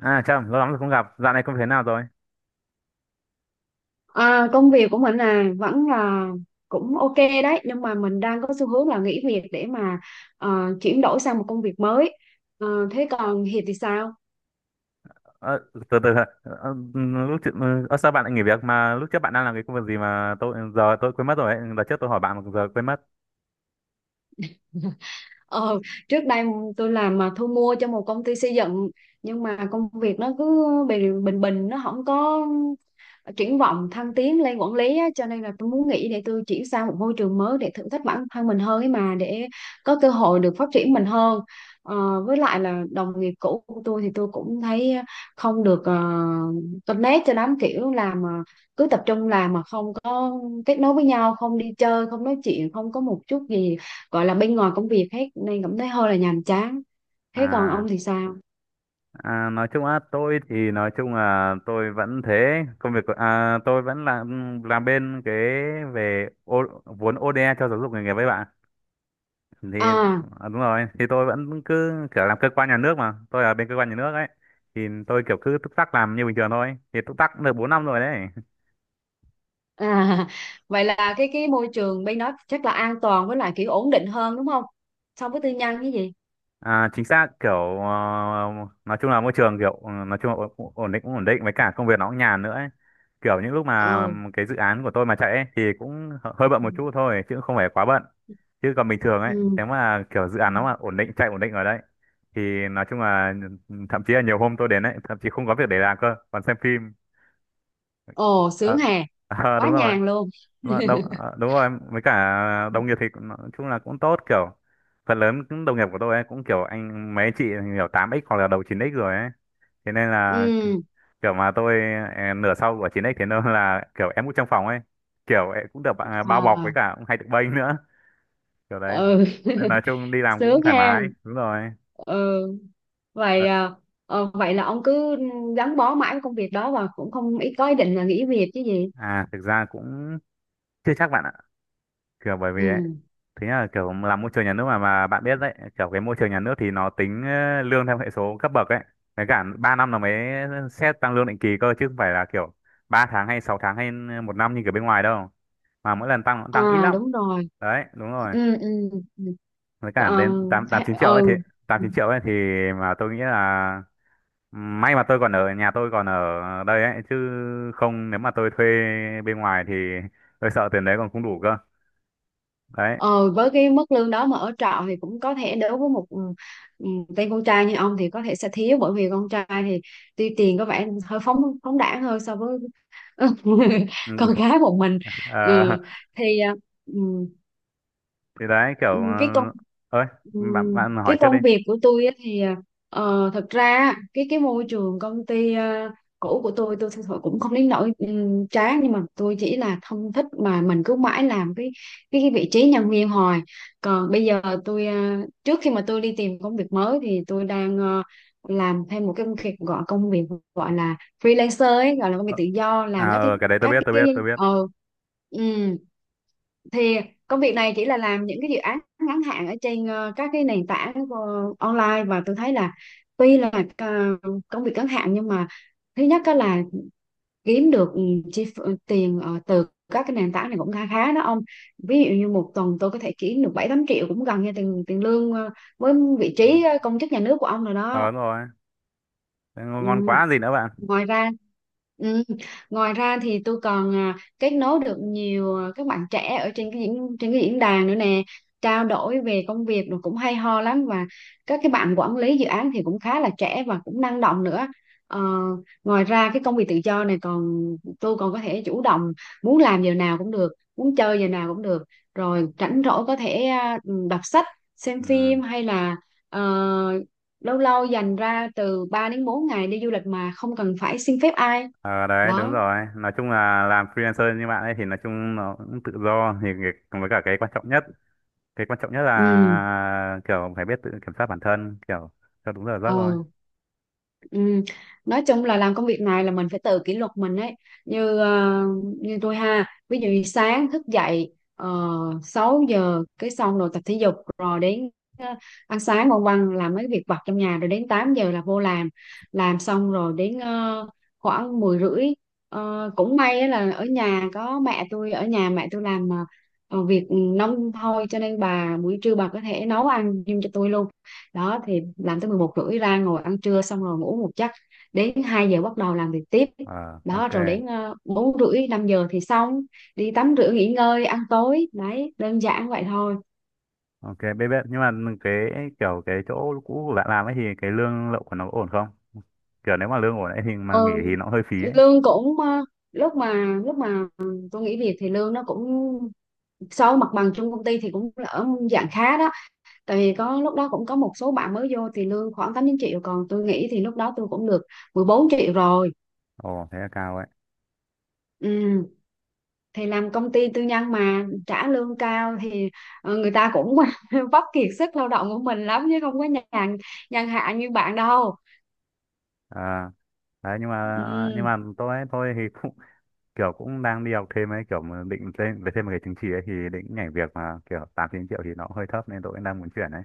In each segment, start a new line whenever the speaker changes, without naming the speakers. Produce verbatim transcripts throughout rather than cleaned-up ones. À chậm, lâu lắm rồi không gặp. Dạo này công việc nào rồi?
À, công việc của mình là vẫn là cũng ok đấy, nhưng mà mình đang có xu hướng là nghỉ việc để mà ờ, chuyển đổi sang một công việc mới. Ờ, thế còn Hiệp thì sao?
Ờ, từ từ ờ, ờ, lúc trước, ờ, sao bạn lại nghỉ việc mà lúc trước bạn đang làm cái công việc gì mà tôi giờ tôi quên mất rồi ấy. Đợt trước tôi hỏi bạn mà giờ quên mất.
Ờ, Trước đây tôi làm mà thu mua cho một công ty xây dựng, nhưng mà công việc nó cứ bình bình bình nó không có triển vọng thăng tiến lên quản lý á, cho nên là tôi muốn nghỉ để tôi chuyển sang một môi trường mới để thử thách bản thân mình hơn ấy mà, để có cơ hội được phát triển mình hơn. Ờ, với lại là đồng nghiệp cũ của tôi thì tôi cũng thấy không được uh, connect cho lắm, kiểu làm mà cứ tập trung làm mà không có kết nối với nhau, không đi chơi, không nói chuyện, không có một chút gì gọi là bên ngoài công việc hết, nên cảm thấy hơi là nhàm chán. Thế còn
À,
ông thì sao
à nói chung á tôi thì nói chung là tôi vẫn thế, công việc của- à, tôi vẫn làm làm bên cái về ô, vốn o đê a cho giáo dục nghề nghiệp với bạn. Thì
à?
à, đúng rồi, thì tôi vẫn cứ kiểu làm cơ quan nhà nước mà, tôi ở bên cơ quan nhà nước ấy. Thì tôi kiểu cứ túc tắc làm như bình thường thôi. Thì túc tắc cũng được bốn năm rồi đấy.
À, vậy là cái cái môi trường bên đó chắc là an toàn với lại kiểu ổn định hơn đúng không? So với tư nhân cái gì?
À, chính xác kiểu ờ, nói chung là môi trường kiểu ừ, nói chung là ổn, ổn định cũng ổn định với cả công việc nó cũng nhàn nữa ấy. Kiểu những lúc mà
Ừ.
cái dự án của tôi mà chạy ấy, thì cũng hơ- hơi bận một chút thôi chứ không phải quá bận, chứ còn bình thường ấy
Ừ.
nếu mà kiểu dự
Ừ.
án nó mà ổn định chạy ổn định ở đấy thì nói chung là thậm chí là nhiều hôm tôi đến ấy thậm chí không có việc để làm cơ còn xem phim.
Ồ,
Ờ,
sướng hè,
ờ,
quá
đúng rồi.
nhàn luôn.
Đúng rồi, đồng, ờ, đúng rồi, với cả đồng nghiệp thì cũng- nói chung là cũng tốt, kiểu phần lớn những đồng nghiệp của tôi ấy cũng kiểu anh mấy anh chị kiểu tám x hoặc là đầu chín x rồi ấy. Thế nên là
Ừ.
kiểu mà tôi ờ, nửa sau của chín x, thế nên là kiểu em cũng trong phòng ấy, kiểu em cũng được bạn- bao bọc
À,
với cả cũng hay được bênh nữa, kiểu đấy.
ừ.
Nên nói chung đi làm cũng
Sướng
thoải
ha.
mái, đúng rồi.
Ừ. Vậy
Đ-
à, ờ, vậy là ông cứ gắn bó mãi với công việc đó và cũng không ý có ý định là nghỉ việc chứ gì.
À thực ra cũng chưa chắc bạn ạ, kiểu bởi vì ấy,
Ừ.
thế là kiểu làm môi trường nhà nước mà mà bạn biết đấy, kiểu cái môi trường nhà nước thì nó tính ờ, lương theo hệ số cấp bậc ấy, với cả ba năm là mới xét tăng lương định kỳ cơ chứ không phải là kiểu ba tháng hay sáu tháng hay một năm như kiểu bên ngoài đâu, mà mỗi lần tăng nó cũng tăng ít
À
lắm.
đúng rồi.
Đấy đúng rồi,
Ừ, ừ. Ừ.
với cả đến
Còn
tám tám chín triệu ấy thì tám
ừ.
chín triệu ấy thì, mà tôi nghĩ là may mà tôi còn ở nhà, tôi còn ở đây ấy chứ không nếu mà tôi thuê bên ngoài thì tôi sợ tiền đấy còn không đủ cơ đấy.
Ờ, với cái mức lương đó mà ở trọ thì cũng có thể, đối với một ừ, ừ, tên con trai như ông thì có thể sẽ thiếu, bởi vì con trai thì tuy tiền có vẻ hơi phóng phóng đãng hơn so với
Ừ.
con gái một mình.
Ờ,
Ừ. Thì à, ừ.
thì đấy kiểu ờ,
Ừ, cái công
ơi,
ừ,
bạn bạn hỏi
cái
trước đi.
công việc của tôi á thì ờ, thật ra á, cái cái môi trường công ty ờ, cũ của tôi tôi thật sự cũng không đến nỗi ừm, chán, nhưng mà tôi chỉ là không thích mà mình cứ mãi làm cái cái, cái vị trí nhân viên hoài. Còn bây giờ tôi, ờ, trước khi mà tôi đi tìm công việc mới thì tôi đang ờ, làm thêm một cái công việc, gọi công việc gọi là freelancer ấy, gọi là công việc
ờ,
tự do, làm
à
các cái
ờ, cái đấy tôi
các
biết tôi
cái
biết tôi biết.
ờ ừ thì công việc này chỉ là làm những cái dự án ngắn hạn ở trên ờ, các cái nền tảng ờ, online, và tôi thấy là tuy là ờ, công việc ngắn hạn nhưng mà thứ nhất á là kiếm được ừ, chi ph- ờ, tiền ờ, từ các cái nền tảng này cũng khá khá đó ông, ví dụ như một tuần tôi có thể kiếm được bảy tám triệu, cũng gần như tiền tiền lương ờ, với vị
Ừ.
trí ờ, công chức nhà nước của ông rồi đó.
ờ đúng rồi. Thế ngon
Ừ,
ngon quá gì nữa bạn.
ngoài ra, ừ, ngoài ra thì tôi còn à, kết nối được nhiều à, các bạn trẻ ở trên cái diễn trên cái diễn đàn nữa nè, trao đổi về công việc rồi cũng hay ho lắm, và các cái bạn quản lý dự án thì cũng khá là trẻ và cũng năng động nữa. Ờ, ngoài ra cái công việc tự do này còn, tôi còn có thể chủ động, muốn làm giờ nào cũng được, muốn chơi giờ nào cũng được, rồi rảnh rỗi có thể à, đọc sách, xem
Ừ.
phim hay là ờ, lâu lâu dành ra từ ba đến bốn ngày đi du lịch mà không cần phải xin phép ai.
ờ đấy đúng
Đó.
rồi, nói chung là làm freelancer như bạn ấy thì nói chung nó cũng tự do, thì cái- với cả cái quan trọng nhất, cái quan trọng nhất
Ừ.
là kiểu phải biết tự kiểm soát bản thân, kiểu cho đúng giờ giấc thôi.
Ờ. Ừ. Nói chung là làm công việc này là mình phải tự kỷ luật mình ấy. Như ờ, như tôi ha, ví dụ như sáng thức dậy uh, sáu giờ, cái xong rồi tập thể dục, rồi đến ờ, ăn sáng, ngoan ngoan làm mấy việc vặt trong nhà, rồi đến tám giờ là vô làm. Làm xong rồi đến ờ, khoảng mười rưỡi. Ờ, cũng may á là ở nhà có mẹ tôi, ở nhà mẹ tôi làm ờ, ờ, việc nông thôi, cho nên bà buổi trưa bà có thể nấu ăn giùm cho tôi luôn đó. Thì làm tới mười một rưỡi ra ngồi ăn trưa, xong rồi ngủ một giấc, đến hai giờ bắt đầu làm việc tiếp.
ờ
Đó,
ok.
rồi đến ờ, bốn rưỡi năm giờ thì xong, đi tắm rửa nghỉ ngơi ăn tối. Đấy, đơn giản vậy thôi.
Ok, biết biết nhưng mà cái kiểu cái chỗ cũ của bạn làm ấy thì cái lương lậu của nó có ổn không, kiểu nếu mà lương ổn ấy thì mà nghỉ
Ừ,
thì nó hơi phí ấy.
lương cũng, ờ, lúc mà lúc mà tôi nghỉ việc thì lương nó cũng, so với mặt bằng chung công ty thì cũng ở dạng khá đó. Tại vì có lúc đó cũng có một số bạn mới vô thì lương khoảng tám chín triệu, còn tôi nghĩ thì lúc đó tôi cũng được mười bốn triệu rồi.
Ồ thế là cao ấy.
Ừ. Thì làm công ty tư nhân mà trả lương cao thì ờ, người ta cũng vấp kiệt sức lao động của mình lắm chứ không có nhàn nhàn hạ như bạn đâu.
à Đấy nhưng mà nhưng
Ừ.
mà tôi ấy, tôi thì cũng kiểu cũng đang đi học thêm ấy, kiểu mà định lên về thêm một cái chứng chỉ ấy thì định nhảy việc mà kiểu tám chín triệu thì nó cũng hơi thấp, nên tôi cũng đang muốn chuyển ấy.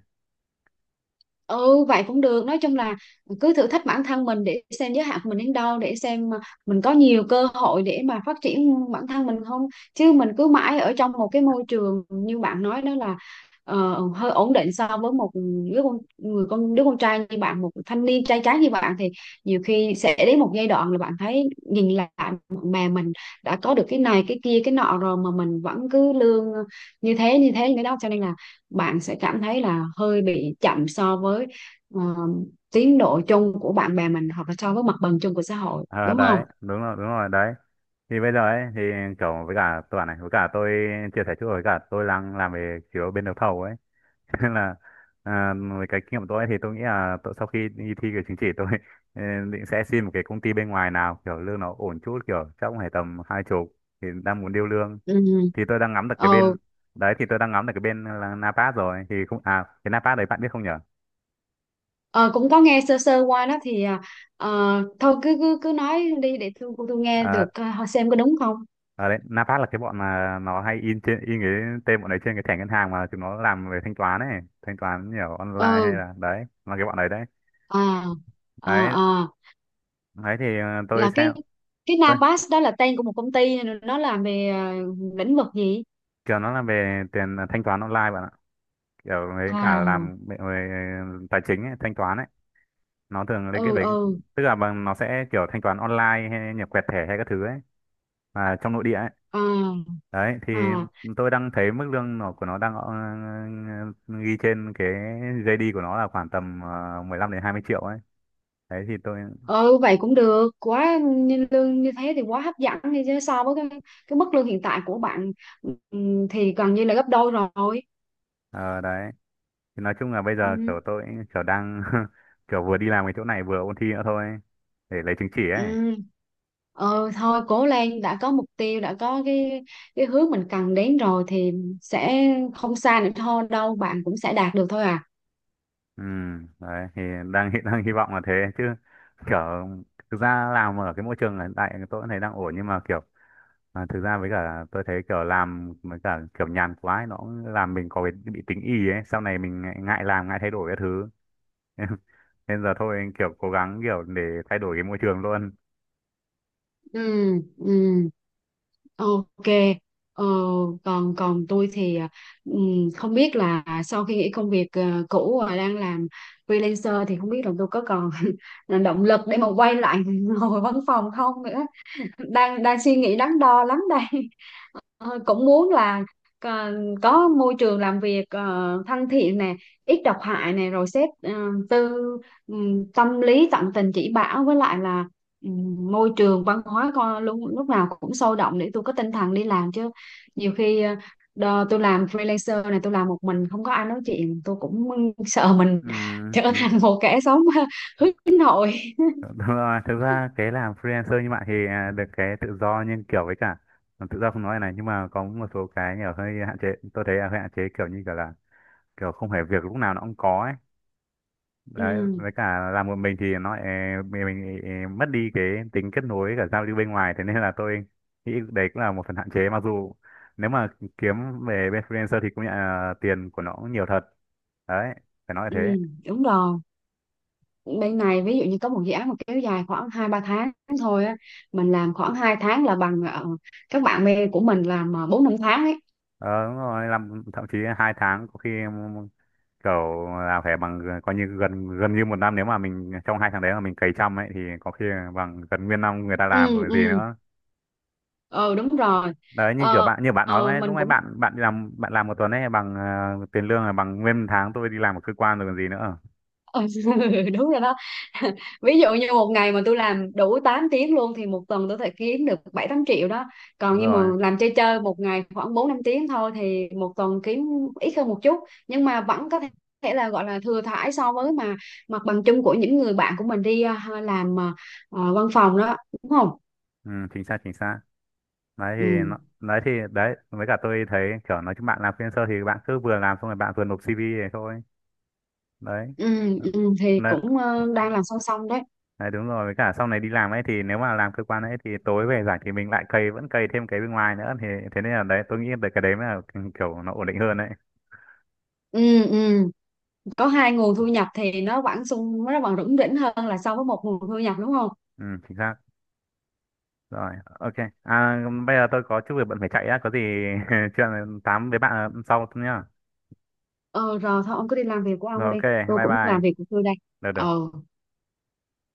Ừ vậy cũng được, nói chung là cứ thử thách bản thân mình để xem giới hạn của mình đến đâu, để xem mà mình có nhiều cơ hội để mà phát triển bản thân mình không. Chứ mình cứ mãi ở trong một cái môi trường như bạn nói đó là ờ, hơi ổn định. So với một đứa con người con đứa con trai như bạn, một thanh niên trai tráng như bạn thì nhiều khi sẽ đến một giai đoạn là bạn thấy nhìn lại mà mình đã có được cái này cái kia cái nọ rồi mà mình vẫn cứ lương như thế như thế như thế đó, cho nên là bạn sẽ cảm thấy là hơi bị chậm so với ờ, tiến độ chung của bạn bè mình, hoặc là so với mặt bằng chung của xã hội,
à,
đúng không?
Đấy đúng rồi đúng rồi đấy, thì bây giờ ấy thì kiểu với cả tôi bảo này, với cả tôi chia sẻ chút, với cả tôi đang làm về kiểu bên đấu thầu ấy. Cho nên là à, với cái kinh nghiệm của tôi ấy, thì tôi nghĩ là tôi, sau khi đi thi cái chứng chỉ tôi ờ, định sẽ xin một cái công ty bên ngoài nào kiểu lương nó ổn chút, kiểu chắc cũng phải tầm hai chục, thì đang muốn điêu lương,
Ừ.
thì tôi đang ngắm được cái
Ừ.
bên, đấy thì tôi đang ngắm được cái bên là Napas rồi, thì không à cái Napas đấy bạn biết không nhở.
Ờ, cũng có nghe sơ sơ qua đó thì ờ, ờ, thôi cứ cứ cứ nói đi để tôi tôi nghe được, ờ, xem có đúng không?
Ờ đấy, Napat là cái bọn mà nó hay in trên in cái tên bọn đấy trên cái thẻ ngân hàng mà chúng nó làm về thanh toán ấy, thanh toán nhiều online hay
Ừ.
là đấy, là cái bọn đấy đấy.
À, à,
Đấy,
À,
đấy thì ờ, tôi
là
xem
cái cái
ơi,
Navas đó là tên của một công ty, nó làm về ờ, lĩnh vực gì?
kiểu nó là về tiền ờ, thanh toán online bạn ạ. Kiểu với cả làm
À.
về về tài chính ấy, thanh toán ấy, nó thường liên kết
Ừ,
với,
ừ.
tức là bằng nó sẽ kiểu thanh toán online hay nhập quẹt thẻ hay các thứ ấy mà trong nội địa ấy.
À.
Đấy thì
À.
tôi đang thấy mức lương nó của nó đang ờ, ghi trên cái giây đi của nó là khoảng tầm ờ, mười lăm đến hai mươi triệu ấy. Đấy thì tôi
Ừ vậy cũng được quá, như lương như thế thì quá hấp dẫn đi chứ, so với cái cái mức lương hiện tại của bạn ừm, thì gần như là gấp đôi rồi.
ờ, đấy thì nói chung là bây giờ kiểu
Ừ,
tôi kiểu đang kiểu vừa đi làm cái chỗ này vừa ôn thi nữa thôi để lấy chứng chỉ ấy.
ừ. Ờ, thôi cố lên, đã có mục tiêu, đã có cái cái hướng mình cần đến rồi thì sẽ không xa nữa thôi đâu, bạn cũng sẽ đạt được thôi à.
Ừ, đấy thì đang hy- đang hy vọng là thế chứ, kiểu thực ra làm ở cái môi trường hiện tại tôi cũng thấy đang ổn nhưng mà kiểu à, thực ra với cả tôi thấy kiểu làm với cả kiểu nhàn quá ấy, nó cũng làm mình có cái bị tính ì ấy, sau này mình ngại, ngại làm ngại thay đổi cái thứ nên nên giờ thôi kiểu cố gắng kiểu để thay đổi cái môi trường luôn.
Ừ, ừ. Ok, ờ, còn còn tôi thì à, ừm, không biết là sau khi nghỉ công việc à, cũ và đang làm freelancer thì không biết là tôi có còn động lực để mà quay lại ngồi văn phòng không nữa. Đang đang suy nghĩ đắn đo lắm đây. Ờ, cũng muốn là ờ, có môi trường làm việc ờ, thân thiện nè, ít độc hại nè, rồi sếp ờ, tư ừm, tâm lý, tận tình chỉ bảo, với lại là ừm, môi trường văn hóa con lúc lúc nào cũng sôi động để tôi có tinh thần đi làm chứ. Nhiều khi ờ, đò, tôi làm freelancer này, tôi làm một mình không có ai nói chuyện, tôi cũng sợ mình
Ừ,
trở
đúng,
thành một kẻ sống nội.
đúng rồi. thực ra cái làm freelancer như bạn thì à, được cái tự do nhưng kiểu với cả à, tự do không nói này, nhưng mà có một số cái nhỏ hơi hạn chế, tôi thấy là hơi hạn chế, kiểu như kiểu là kiểu không phải việc lúc nào nó cũng có ấy, đấy
Ừ,
với cả làm một mình thì nó eh, mình, mình eh, mất đi cái tính kết nối với cả giao lưu bên ngoài, thế nên là tôi nghĩ đấy cũng là một phần hạn chế, mặc dù nếu mà kiếm về bên freelancer thì cũng nhận là tiền của nó cũng nhiều thật đấy, phải nói là
ừ,
thế.
đúng rồi. Bên này ví dụ như có một dự án mà kéo dài khoảng hai ba tháng thôi á, mình làm khoảng hai tháng là bằng ờ, các bạn bè của mình làm ờ, bốn năm tháng ấy.
ờ, Đúng rồi, làm thậm chí hai tháng có khi kiểu là phải bằng coi như gần gần như một năm, nếu mà mình trong hai tháng đấy mà mình cày chăm ấy thì có khi là bằng gần nguyên năm người ta
Ừ,
làm rồi gì
ừ.
nữa.
Ờ đúng rồi.
Đấy như kiểu
Ờ,
bạn, như bạn nói
ờ,
ấy, lúc
mình
nãy
cũng.
bạn bạn đi làm bạn làm một tuần ấy bằng ờ, tiền lương là bằng nguyên tháng tôi đi làm ở cơ quan rồi còn gì nữa.
Ừ, đúng rồi đó. Ví dụ như một ngày mà tôi làm đủ tám tiếng luôn thì một tuần tôi phải kiếm được bảy tám triệu đó. Còn
Đúng
như mà
rồi.
làm chơi chơi một ngày khoảng bốn năm tiếng thôi thì một tuần kiếm ít hơn một chút, nhưng mà vẫn có thể là gọi là thừa thãi so với mà mặt bằng chung của những người bạn của mình đi à, làm à, à, văn phòng đó, đúng không?
Ừ, chính xác chính xác. Đấy thì
Ừ.
nó, đấy thì đấy với cả tôi thấy kiểu nói chung bạn làm freelancer thì bạn cứ vừa làm xong rồi bạn vừa nộp xê vê này thôi. Đấy.
Ừ, ừ, thì
Đấy,
cũng ờ, đang làm song song đấy.
đấy đúng rồi, với cả sau này đi làm ấy thì nếu mà làm cơ quan ấy thì tối về rảnh thì mình lại cày vẫn cày thêm cái bên ngoài nữa, thì thế nên là đấy tôi nghĩ được cái đấy mới là kiểu nó ổn định hơn đấy.
Ừ, ừ. Có hai nguồn thu nhập thì nó vẫn sung, nó vẫn rủng rỉnh hơn là so với một nguồn thu nhập, đúng không?
Ừ, chính xác. Rồi, ok. À, bây giờ tôi có chút việc bận phải chạy á, có gì chuyện tám với bạn ờ, sau nhá.
Ờ rồi, thôi ông cứ đi làm việc của
Rồi,
ông đi,
ok,
tôi
bye
cũng
bye.
làm việc của tôi đây.
Được, được.
Ờ.